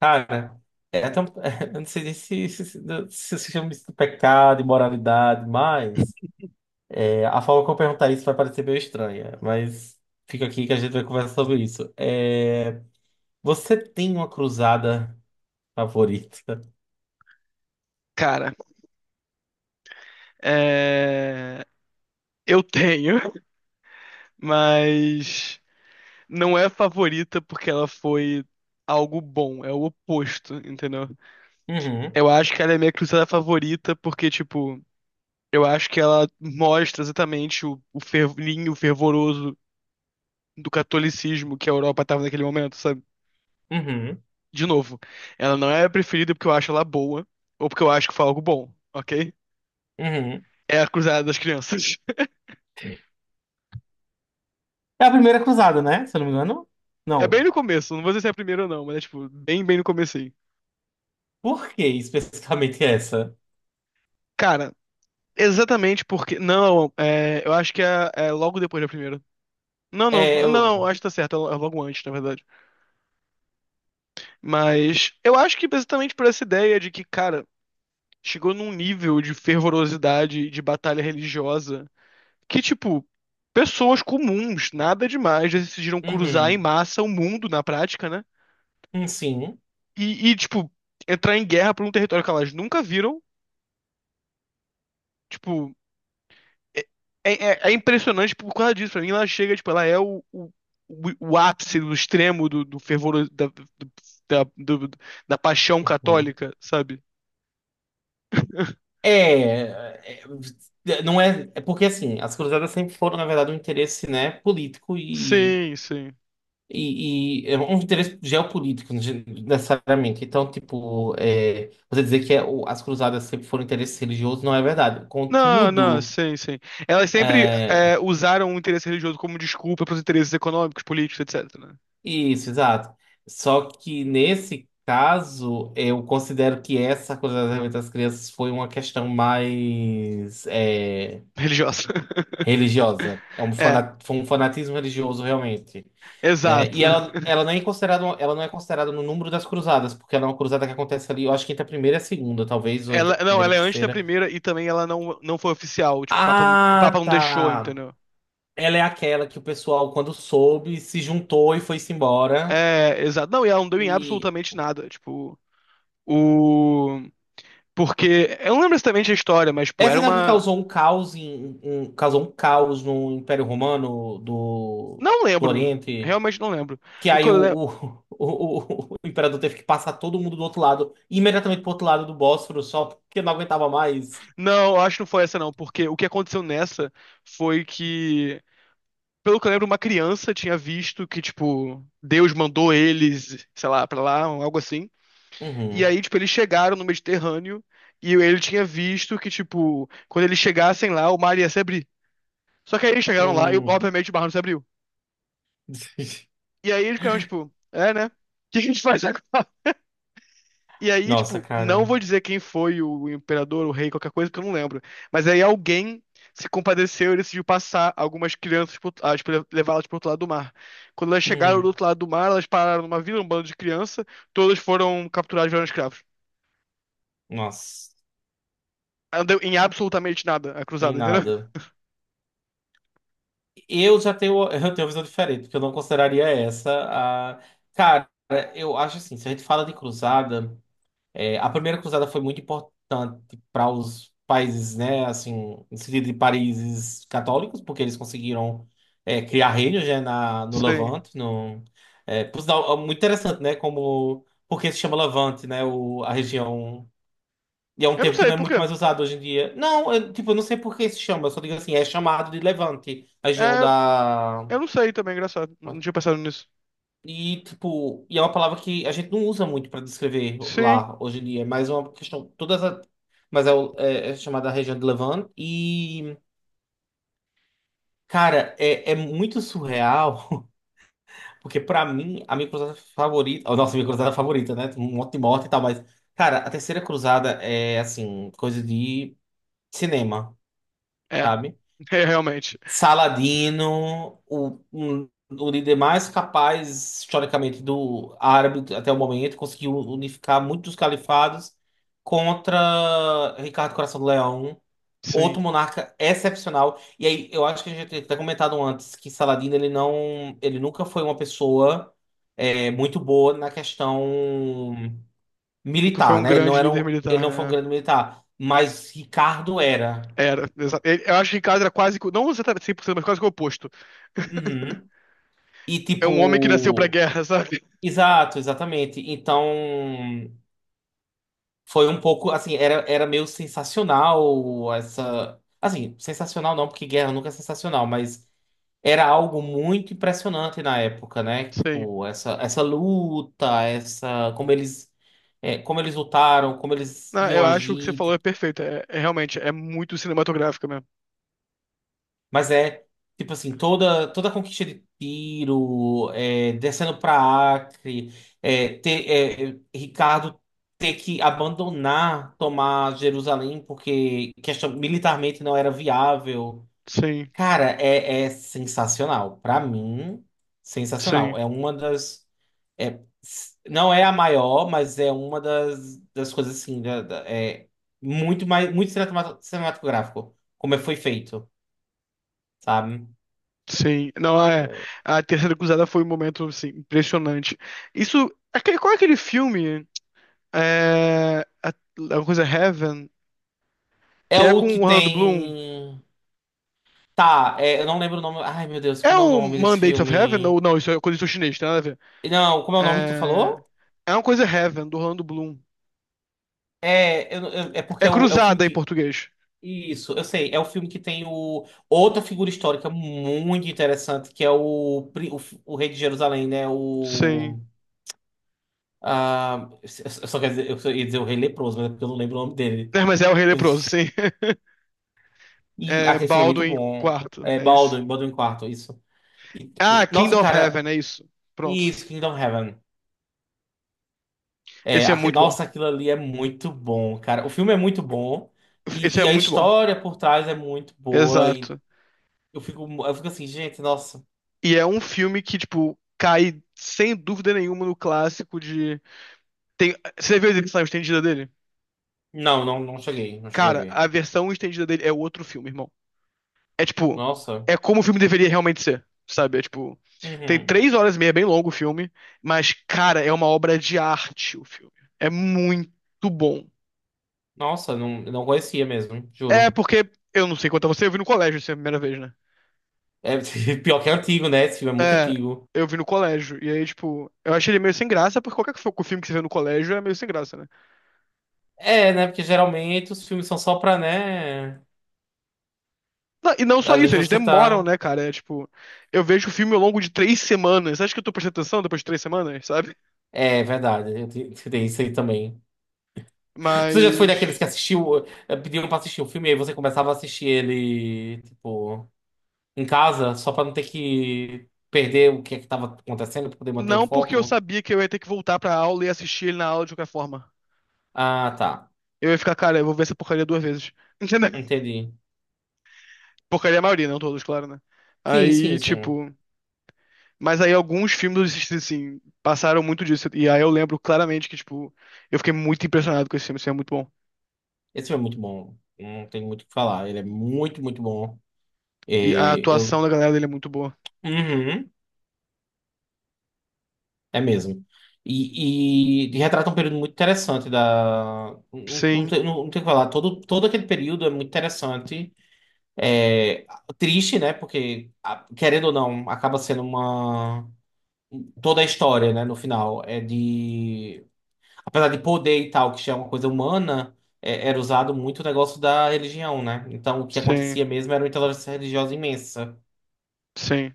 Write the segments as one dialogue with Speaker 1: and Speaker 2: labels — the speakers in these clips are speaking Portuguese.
Speaker 1: Cara, é até eu não sei nem se se chama isso de pecado, imoralidade, mas a forma como eu perguntar isso vai parecer meio estranha, mas fica aqui que a gente vai conversar sobre isso. Você tem uma cruzada favorita?
Speaker 2: Cara, é, eu tenho, mas não é favorita porque ela foi algo bom, é o oposto, entendeu?
Speaker 1: Uhum,
Speaker 2: Eu acho que ela é minha cruzada favorita porque, tipo, eu acho que ela mostra exatamente o fervinho fervoroso do catolicismo que a Europa estava naquele momento, sabe?
Speaker 1: uhum,
Speaker 2: De novo, ela não é a preferida porque eu acho ela boa ou porque eu acho que foi algo bom, ok?
Speaker 1: uhum.
Speaker 2: É a Cruzada das Crianças.
Speaker 1: É a primeira cruzada, né? Se eu não me engano.
Speaker 2: É bem
Speaker 1: Não.
Speaker 2: no começo, não vou dizer se é a primeira ou não, mas é tipo, bem, bem no começo.
Speaker 1: Por que especificamente essa?
Speaker 2: Cara, exatamente porque. Não, eu acho que é logo depois da primeira. Não, não,
Speaker 1: É,
Speaker 2: não, não,
Speaker 1: eu.
Speaker 2: acho que tá certo, é logo antes, na verdade. Mas eu acho que exatamente por essa ideia de que, cara, chegou num nível de fervorosidade, de batalha religiosa que, tipo, pessoas comuns, nada demais, decidiram cruzar em
Speaker 1: Uhum.
Speaker 2: massa o mundo na prática, né?
Speaker 1: Sim.
Speaker 2: Tipo, entrar em guerra por um território que elas nunca viram. Tipo, é, é impressionante por causa disso. Pra mim, ela chega, tipo, ela é o ápice do extremo do fervor da, do- da paixão católica, sabe?
Speaker 1: É, é, não é, é porque assim, as cruzadas sempre foram, na verdade, um interesse, né, político e,
Speaker 2: Sim, sim.
Speaker 1: e é um interesse geopolítico, necessariamente. Então, tipo, você dizer que as cruzadas sempre foram interesse religioso não é verdade.
Speaker 2: Não, não,
Speaker 1: Contudo,
Speaker 2: sim, sim. Elas sempre
Speaker 1: é,
Speaker 2: usaram o interesse religioso como desculpa para os interesses econômicos, políticos, etc, né?
Speaker 1: isso, exato. Só que nesse caso, eu considero que essa cruzada das crianças foi uma questão mais,
Speaker 2: Religiosa.
Speaker 1: religiosa. É
Speaker 2: É,
Speaker 1: foi um fanatismo religioso realmente, né? E
Speaker 2: exato.
Speaker 1: ela nem é considerada, ela não é considerada no número das cruzadas, porque ela é uma cruzada que acontece ali, eu acho que entre a primeira e a segunda, talvez, ou entre
Speaker 2: Ela,
Speaker 1: a
Speaker 2: não,
Speaker 1: primeira e
Speaker 2: ela
Speaker 1: a
Speaker 2: é antes da
Speaker 1: terceira.
Speaker 2: primeira e também ela não foi oficial. Tipo, o Papa
Speaker 1: Ah,
Speaker 2: não deixou,
Speaker 1: tá.
Speaker 2: entendeu?
Speaker 1: Ela é aquela que o pessoal, quando soube, se juntou e foi-se embora.
Speaker 2: É, exato. Não, e ela não deu em
Speaker 1: E
Speaker 2: absolutamente nada. Tipo, o. Porque. Eu não lembro exatamente a história, mas, tipo,
Speaker 1: essa
Speaker 2: era
Speaker 1: não é a que
Speaker 2: uma.
Speaker 1: causou um caos no Império Romano do,
Speaker 2: Não
Speaker 1: do
Speaker 2: lembro.
Speaker 1: Oriente.
Speaker 2: Realmente não lembro.
Speaker 1: Que
Speaker 2: O que
Speaker 1: aí
Speaker 2: eu lembro.
Speaker 1: o, o, o imperador teve que passar todo mundo do outro lado, imediatamente pro outro lado do Bósforo, só porque não aguentava mais.
Speaker 2: Não, eu acho que não foi essa, não. Porque o que aconteceu nessa foi que. Pelo que eu lembro, uma criança tinha visto que, tipo, Deus mandou eles, sei lá, pra lá, um algo assim. E
Speaker 1: Uhum.
Speaker 2: aí, tipo, eles chegaram no Mediterrâneo e ele tinha visto que, tipo, quando eles chegassem lá, o mar ia se abrir. Só que aí eles chegaram lá e,
Speaker 1: Hum.
Speaker 2: obviamente, o mar não se abriu. E aí eles ficaram, tipo, é, né? O que a gente faz agora? E aí,
Speaker 1: Nossa,
Speaker 2: tipo, não
Speaker 1: cara.
Speaker 2: vou dizer quem foi o imperador, o rei, qualquer coisa, porque eu não lembro. Mas aí alguém se compadeceu e decidiu passar algumas crianças, tipo, levá-las pro outro lado do mar. Quando elas chegaram do
Speaker 1: Uhum.
Speaker 2: outro lado do mar, elas pararam numa vila, um bando de criança, todas foram capturadas e viraram escravos.
Speaker 1: Nossa,
Speaker 2: Não deu em absolutamente nada a
Speaker 1: em
Speaker 2: cruzada, entendeu?
Speaker 1: nada. Eu tenho uma visão diferente, porque eu não consideraria essa a. Cara, eu acho assim, se a gente fala de cruzada. É, a primeira cruzada foi muito importante para os países, né, assim, no sentido de países católicos, porque eles conseguiram criar reinos, né, na, no
Speaker 2: Sim.
Speaker 1: Levante. No, é, Por sinal, é muito interessante, né, como porque se chama Levante, né, o, a região. E é um
Speaker 2: Eu não
Speaker 1: termo que
Speaker 2: sei
Speaker 1: não é
Speaker 2: por
Speaker 1: muito
Speaker 2: quê.
Speaker 1: mais usado hoje em dia. Não, eu, tipo, eu não sei por que se chama, eu só digo assim, é chamado de Levante, a região
Speaker 2: É,
Speaker 1: da.
Speaker 2: eu não sei também, engraçado. Não tinha pensado nisso.
Speaker 1: E, tipo, e é uma palavra que a gente não usa muito para descrever
Speaker 2: Sim.
Speaker 1: lá hoje em dia, mas é mais uma questão. Todas a- mas é, o- é- é chamada região de Levant. E, cara, é muito surreal, porque para mim, a minha cruzada favorita. Minha cruzada favorita, né? Tem um monte de morte e tal, mas, cara, a terceira cruzada é, assim, coisa de cinema,
Speaker 2: É,
Speaker 1: sabe?
Speaker 2: é realmente.
Speaker 1: Saladino, o líder mais capaz, historicamente, do árabe até o momento, conseguiu unificar muitos califados contra Ricardo Coração do Leão, outro
Speaker 2: Sim.
Speaker 1: monarca excepcional. E aí, eu acho que a gente tinha até comentado antes que Saladino, ele não, ele nunca foi uma pessoa muito boa na questão
Speaker 2: Nunca foi
Speaker 1: militar,
Speaker 2: um
Speaker 1: né? Ele não
Speaker 2: grande
Speaker 1: era,
Speaker 2: líder
Speaker 1: ele
Speaker 2: militar,
Speaker 1: não foi um
Speaker 2: né?
Speaker 1: grande militar, mas Ricardo era.
Speaker 2: Era. Eu acho que Ricardo era quase, não exatamente 100%, mas quase que o oposto.
Speaker 1: Uhum. E
Speaker 2: É um homem que nasceu pra
Speaker 1: tipo.
Speaker 2: guerra, sabe?
Speaker 1: Exato, exatamente. Então, foi um pouco assim, era meio sensacional essa. Assim, sensacional não, porque guerra nunca é sensacional, mas era algo muito impressionante na época, né?
Speaker 2: Sim.
Speaker 1: Tipo, essa luta, essa, como eles, é, como eles lutaram, como eles
Speaker 2: Não,
Speaker 1: iam
Speaker 2: eu acho que o que você
Speaker 1: agir,
Speaker 2: falou é perfeito. É realmente, é muito cinematográfico mesmo.
Speaker 1: mas é, tipo assim, toda, toda a conquista de Tiro, descendo pra Acre, é, ter, Ricardo ter que abandonar, tomar Jerusalém, porque questão, militarmente não era viável.
Speaker 2: Sim,
Speaker 1: Cara, é sensacional. Pra mim, sensacional.
Speaker 2: sim,
Speaker 1: É uma das. Não é a maior, mas é uma das, das coisas assim. É muito mais, muito cinematográfico, como foi feito, sabe?
Speaker 2: sim. Não, é. A Terceira Cruzada foi um momento, assim, impressionante. Isso. Qual é aquele filme? É, a- Alguma coisa Heaven,
Speaker 1: É
Speaker 2: que é
Speaker 1: o
Speaker 2: com
Speaker 1: que
Speaker 2: o Orlando Bloom.
Speaker 1: tem. Tá, eu não lembro o nome. Ai, meu Deus,
Speaker 2: É
Speaker 1: como é o
Speaker 2: o
Speaker 1: nome desse
Speaker 2: Mandates of Heaven?
Speaker 1: filme?
Speaker 2: Ou não, isso é coisa de chinês, tem nada a ver.
Speaker 1: Não, como é o nome que tu
Speaker 2: É,
Speaker 1: falou?
Speaker 2: é uma coisa Heaven, do Orlando Bloom.
Speaker 1: É porque
Speaker 2: É
Speaker 1: é o filme
Speaker 2: Cruzada em
Speaker 1: que.
Speaker 2: português.
Speaker 1: Isso, eu sei. É o filme que tem o, outra figura histórica muito interessante, que é o Rei de Jerusalém, né? O.
Speaker 2: Sim.
Speaker 1: Ah, eu só quero dizer, eu só ia dizer o Rei Leproso, mas é porque eu não lembro o nome dele.
Speaker 2: É, mas é o Rei Leproso, sim.
Speaker 1: E
Speaker 2: É
Speaker 1: aquele filme é muito
Speaker 2: Baldwin
Speaker 1: bom.
Speaker 2: Quarto,
Speaker 1: É
Speaker 2: é isso.
Speaker 1: Baldwin, Quarto, isso. E,
Speaker 2: Ah,
Speaker 1: tipo, nossa,
Speaker 2: Kingdom of
Speaker 1: cara,
Speaker 2: Heaven, é isso. Pronto.
Speaker 1: isso, Kingdom Heaven. É,
Speaker 2: Esse é
Speaker 1: aqui,
Speaker 2: muito bom.
Speaker 1: nossa, aquilo ali é muito bom, cara. O filme é muito bom
Speaker 2: Esse
Speaker 1: e,
Speaker 2: é
Speaker 1: a
Speaker 2: muito bom.
Speaker 1: história por trás é muito boa. E
Speaker 2: Exato.
Speaker 1: eu fico assim, gente, nossa.
Speaker 2: E é um filme que, tipo, cai sem dúvida nenhuma no clássico de. Tem. Você viu a edição estendida dele?
Speaker 1: Não, não, não cheguei a
Speaker 2: Cara,
Speaker 1: ver.
Speaker 2: a versão estendida dele é outro filme, irmão. É tipo,
Speaker 1: Nossa.
Speaker 2: é como o filme deveria realmente ser, sabe? É tipo, tem
Speaker 1: Uhum.
Speaker 2: 3 horas e meia, é bem longo o filme, mas, cara, é uma obra de arte o filme. É muito bom.
Speaker 1: Nossa, não, não conhecia mesmo,
Speaker 2: É
Speaker 1: juro.
Speaker 2: porque, eu não sei quanto a você, eu vi no colégio, isso é a primeira vez, né?
Speaker 1: É pior que é antigo, né? Esse filme é muito
Speaker 2: É,
Speaker 1: antigo.
Speaker 2: eu vi no colégio. E aí, tipo, eu achei ele meio sem graça, porque qualquer filme que você vê no colégio é meio sem graça, né?
Speaker 1: É, né? Porque geralmente os filmes são só pra, né?
Speaker 2: Não, e não só
Speaker 1: Ali
Speaker 2: isso, eles
Speaker 1: você
Speaker 2: demoram,
Speaker 1: tá.
Speaker 2: né, cara? É tipo, eu vejo o filme ao longo de 3 semanas. Acho que eu tô prestando atenção depois de 3 semanas, sabe?
Speaker 1: É verdade, tem isso aí também. Você já foi
Speaker 2: Mas.
Speaker 1: daqueles que assistiu, pediram pra assistir o filme e aí você começava a assistir ele, tipo. Em casa, só pra não ter que perder o que é que tava acontecendo, pra poder manter o
Speaker 2: Não porque eu
Speaker 1: foco.
Speaker 2: sabia que eu ia ter que voltar pra aula e assistir ele na aula de qualquer forma.
Speaker 1: Ah, tá.
Speaker 2: Eu ia ficar, cara, eu vou ver essa porcaria duas vezes. Entendeu?
Speaker 1: Entendi.
Speaker 2: Porcaria é a maioria, né? Não todos, claro, né?
Speaker 1: Sim,
Speaker 2: Aí,
Speaker 1: sim, sim.
Speaker 2: tipo. Mas aí alguns filmes, assim, passaram muito disso. E aí eu lembro claramente que, tipo, eu fiquei muito impressionado com esse filme, assim, é muito bom.
Speaker 1: Esse filme é muito bom. Não tem muito o que falar. Ele é muito, muito bom. É,
Speaker 2: E a atuação
Speaker 1: eu...
Speaker 2: da galera dele é muito boa.
Speaker 1: Uhum, é mesmo. E retrata um período muito interessante da... Não, não,
Speaker 2: Sim,
Speaker 1: tem, não, não tem o que falar. Todo aquele período é muito interessante. É triste, né? Porque, querendo ou não, acaba sendo uma toda a história, né, no final, é de... Apesar de poder e tal, que já é uma coisa humana, era usado muito o negócio da religião, né? Então, o que acontecia
Speaker 2: sim,
Speaker 1: mesmo era uma intolerância religiosa imensa.
Speaker 2: sim.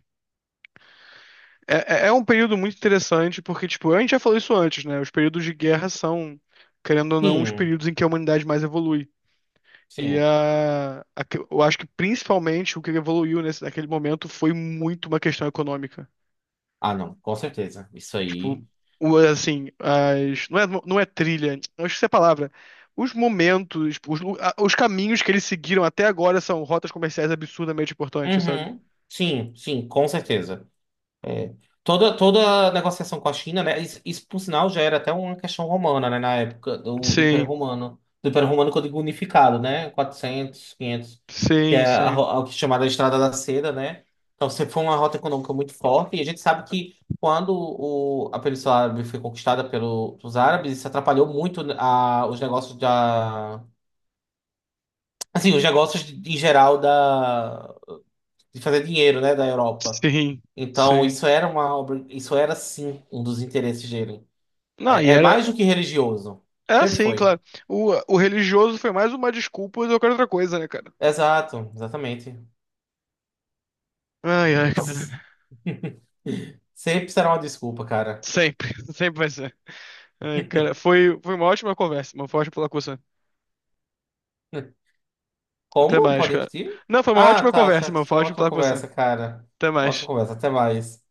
Speaker 2: É, é um período muito interessante, porque, tipo, a gente já falou isso antes, né? Os períodos de guerra são, querendo ou não, os
Speaker 1: Sim,
Speaker 2: períodos em que a humanidade mais evolui. E
Speaker 1: sim.
Speaker 2: a eu acho que principalmente o que evoluiu nesse, naquele momento foi muito uma questão econômica.
Speaker 1: Ah, não, com certeza. Isso
Speaker 2: Tipo,
Speaker 1: aí...
Speaker 2: assim, as, não é trilha, eu acho que essa é a palavra. Os momentos, tipo, os caminhos que eles seguiram até agora são rotas comerciais absurdamente importantes, sabe?
Speaker 1: Uhum. Sim, sim, com certeza. É. Toda, negociação com a China, né? Isso, por sinal, já era até uma questão romana, né? Na época do Império
Speaker 2: Sim,
Speaker 1: Romano. Do Império Romano, quando digo unificado, né? 400, 500 que é
Speaker 2: sim,
Speaker 1: a,
Speaker 2: sim,
Speaker 1: ro- a que é chamada Estrada da Seda, né? Então, sempre foi uma rota econômica muito forte. E a gente sabe que quando o, a Península Árabe foi conquistada pelos árabes, isso atrapalhou muito os negócios da... Assim, os negócios em geral de fazer dinheiro, né, da Europa.
Speaker 2: sim,
Speaker 1: Então,
Speaker 2: sim.
Speaker 1: isso era uma obra, isso era sim um dos interesses dele.
Speaker 2: Não, e
Speaker 1: É, é
Speaker 2: era,
Speaker 1: mais do que religioso.
Speaker 2: é
Speaker 1: Sempre
Speaker 2: assim,
Speaker 1: foi.
Speaker 2: claro. O religioso foi mais uma desculpa do que outra coisa, né, cara?
Speaker 1: Exato, exatamente.
Speaker 2: Ai, ai,
Speaker 1: S-
Speaker 2: cara.
Speaker 1: Sempre será uma desculpa, cara.
Speaker 2: Sempre, sempre vai ser. Ai, cara, foi uma ótima conversa, mano. Foi ótimo falar com você. Até
Speaker 1: Como?
Speaker 2: mais,
Speaker 1: Pode
Speaker 2: cara.
Speaker 1: repetir?
Speaker 2: Não, foi uma
Speaker 1: Ah,
Speaker 2: ótima
Speaker 1: tá,
Speaker 2: conversa, mano.
Speaker 1: certo. Foi
Speaker 2: Foi
Speaker 1: uma
Speaker 2: ótimo
Speaker 1: ótima
Speaker 2: falar com você.
Speaker 1: conversa, cara.
Speaker 2: Até
Speaker 1: Ótima
Speaker 2: mais.
Speaker 1: conversa. Até mais.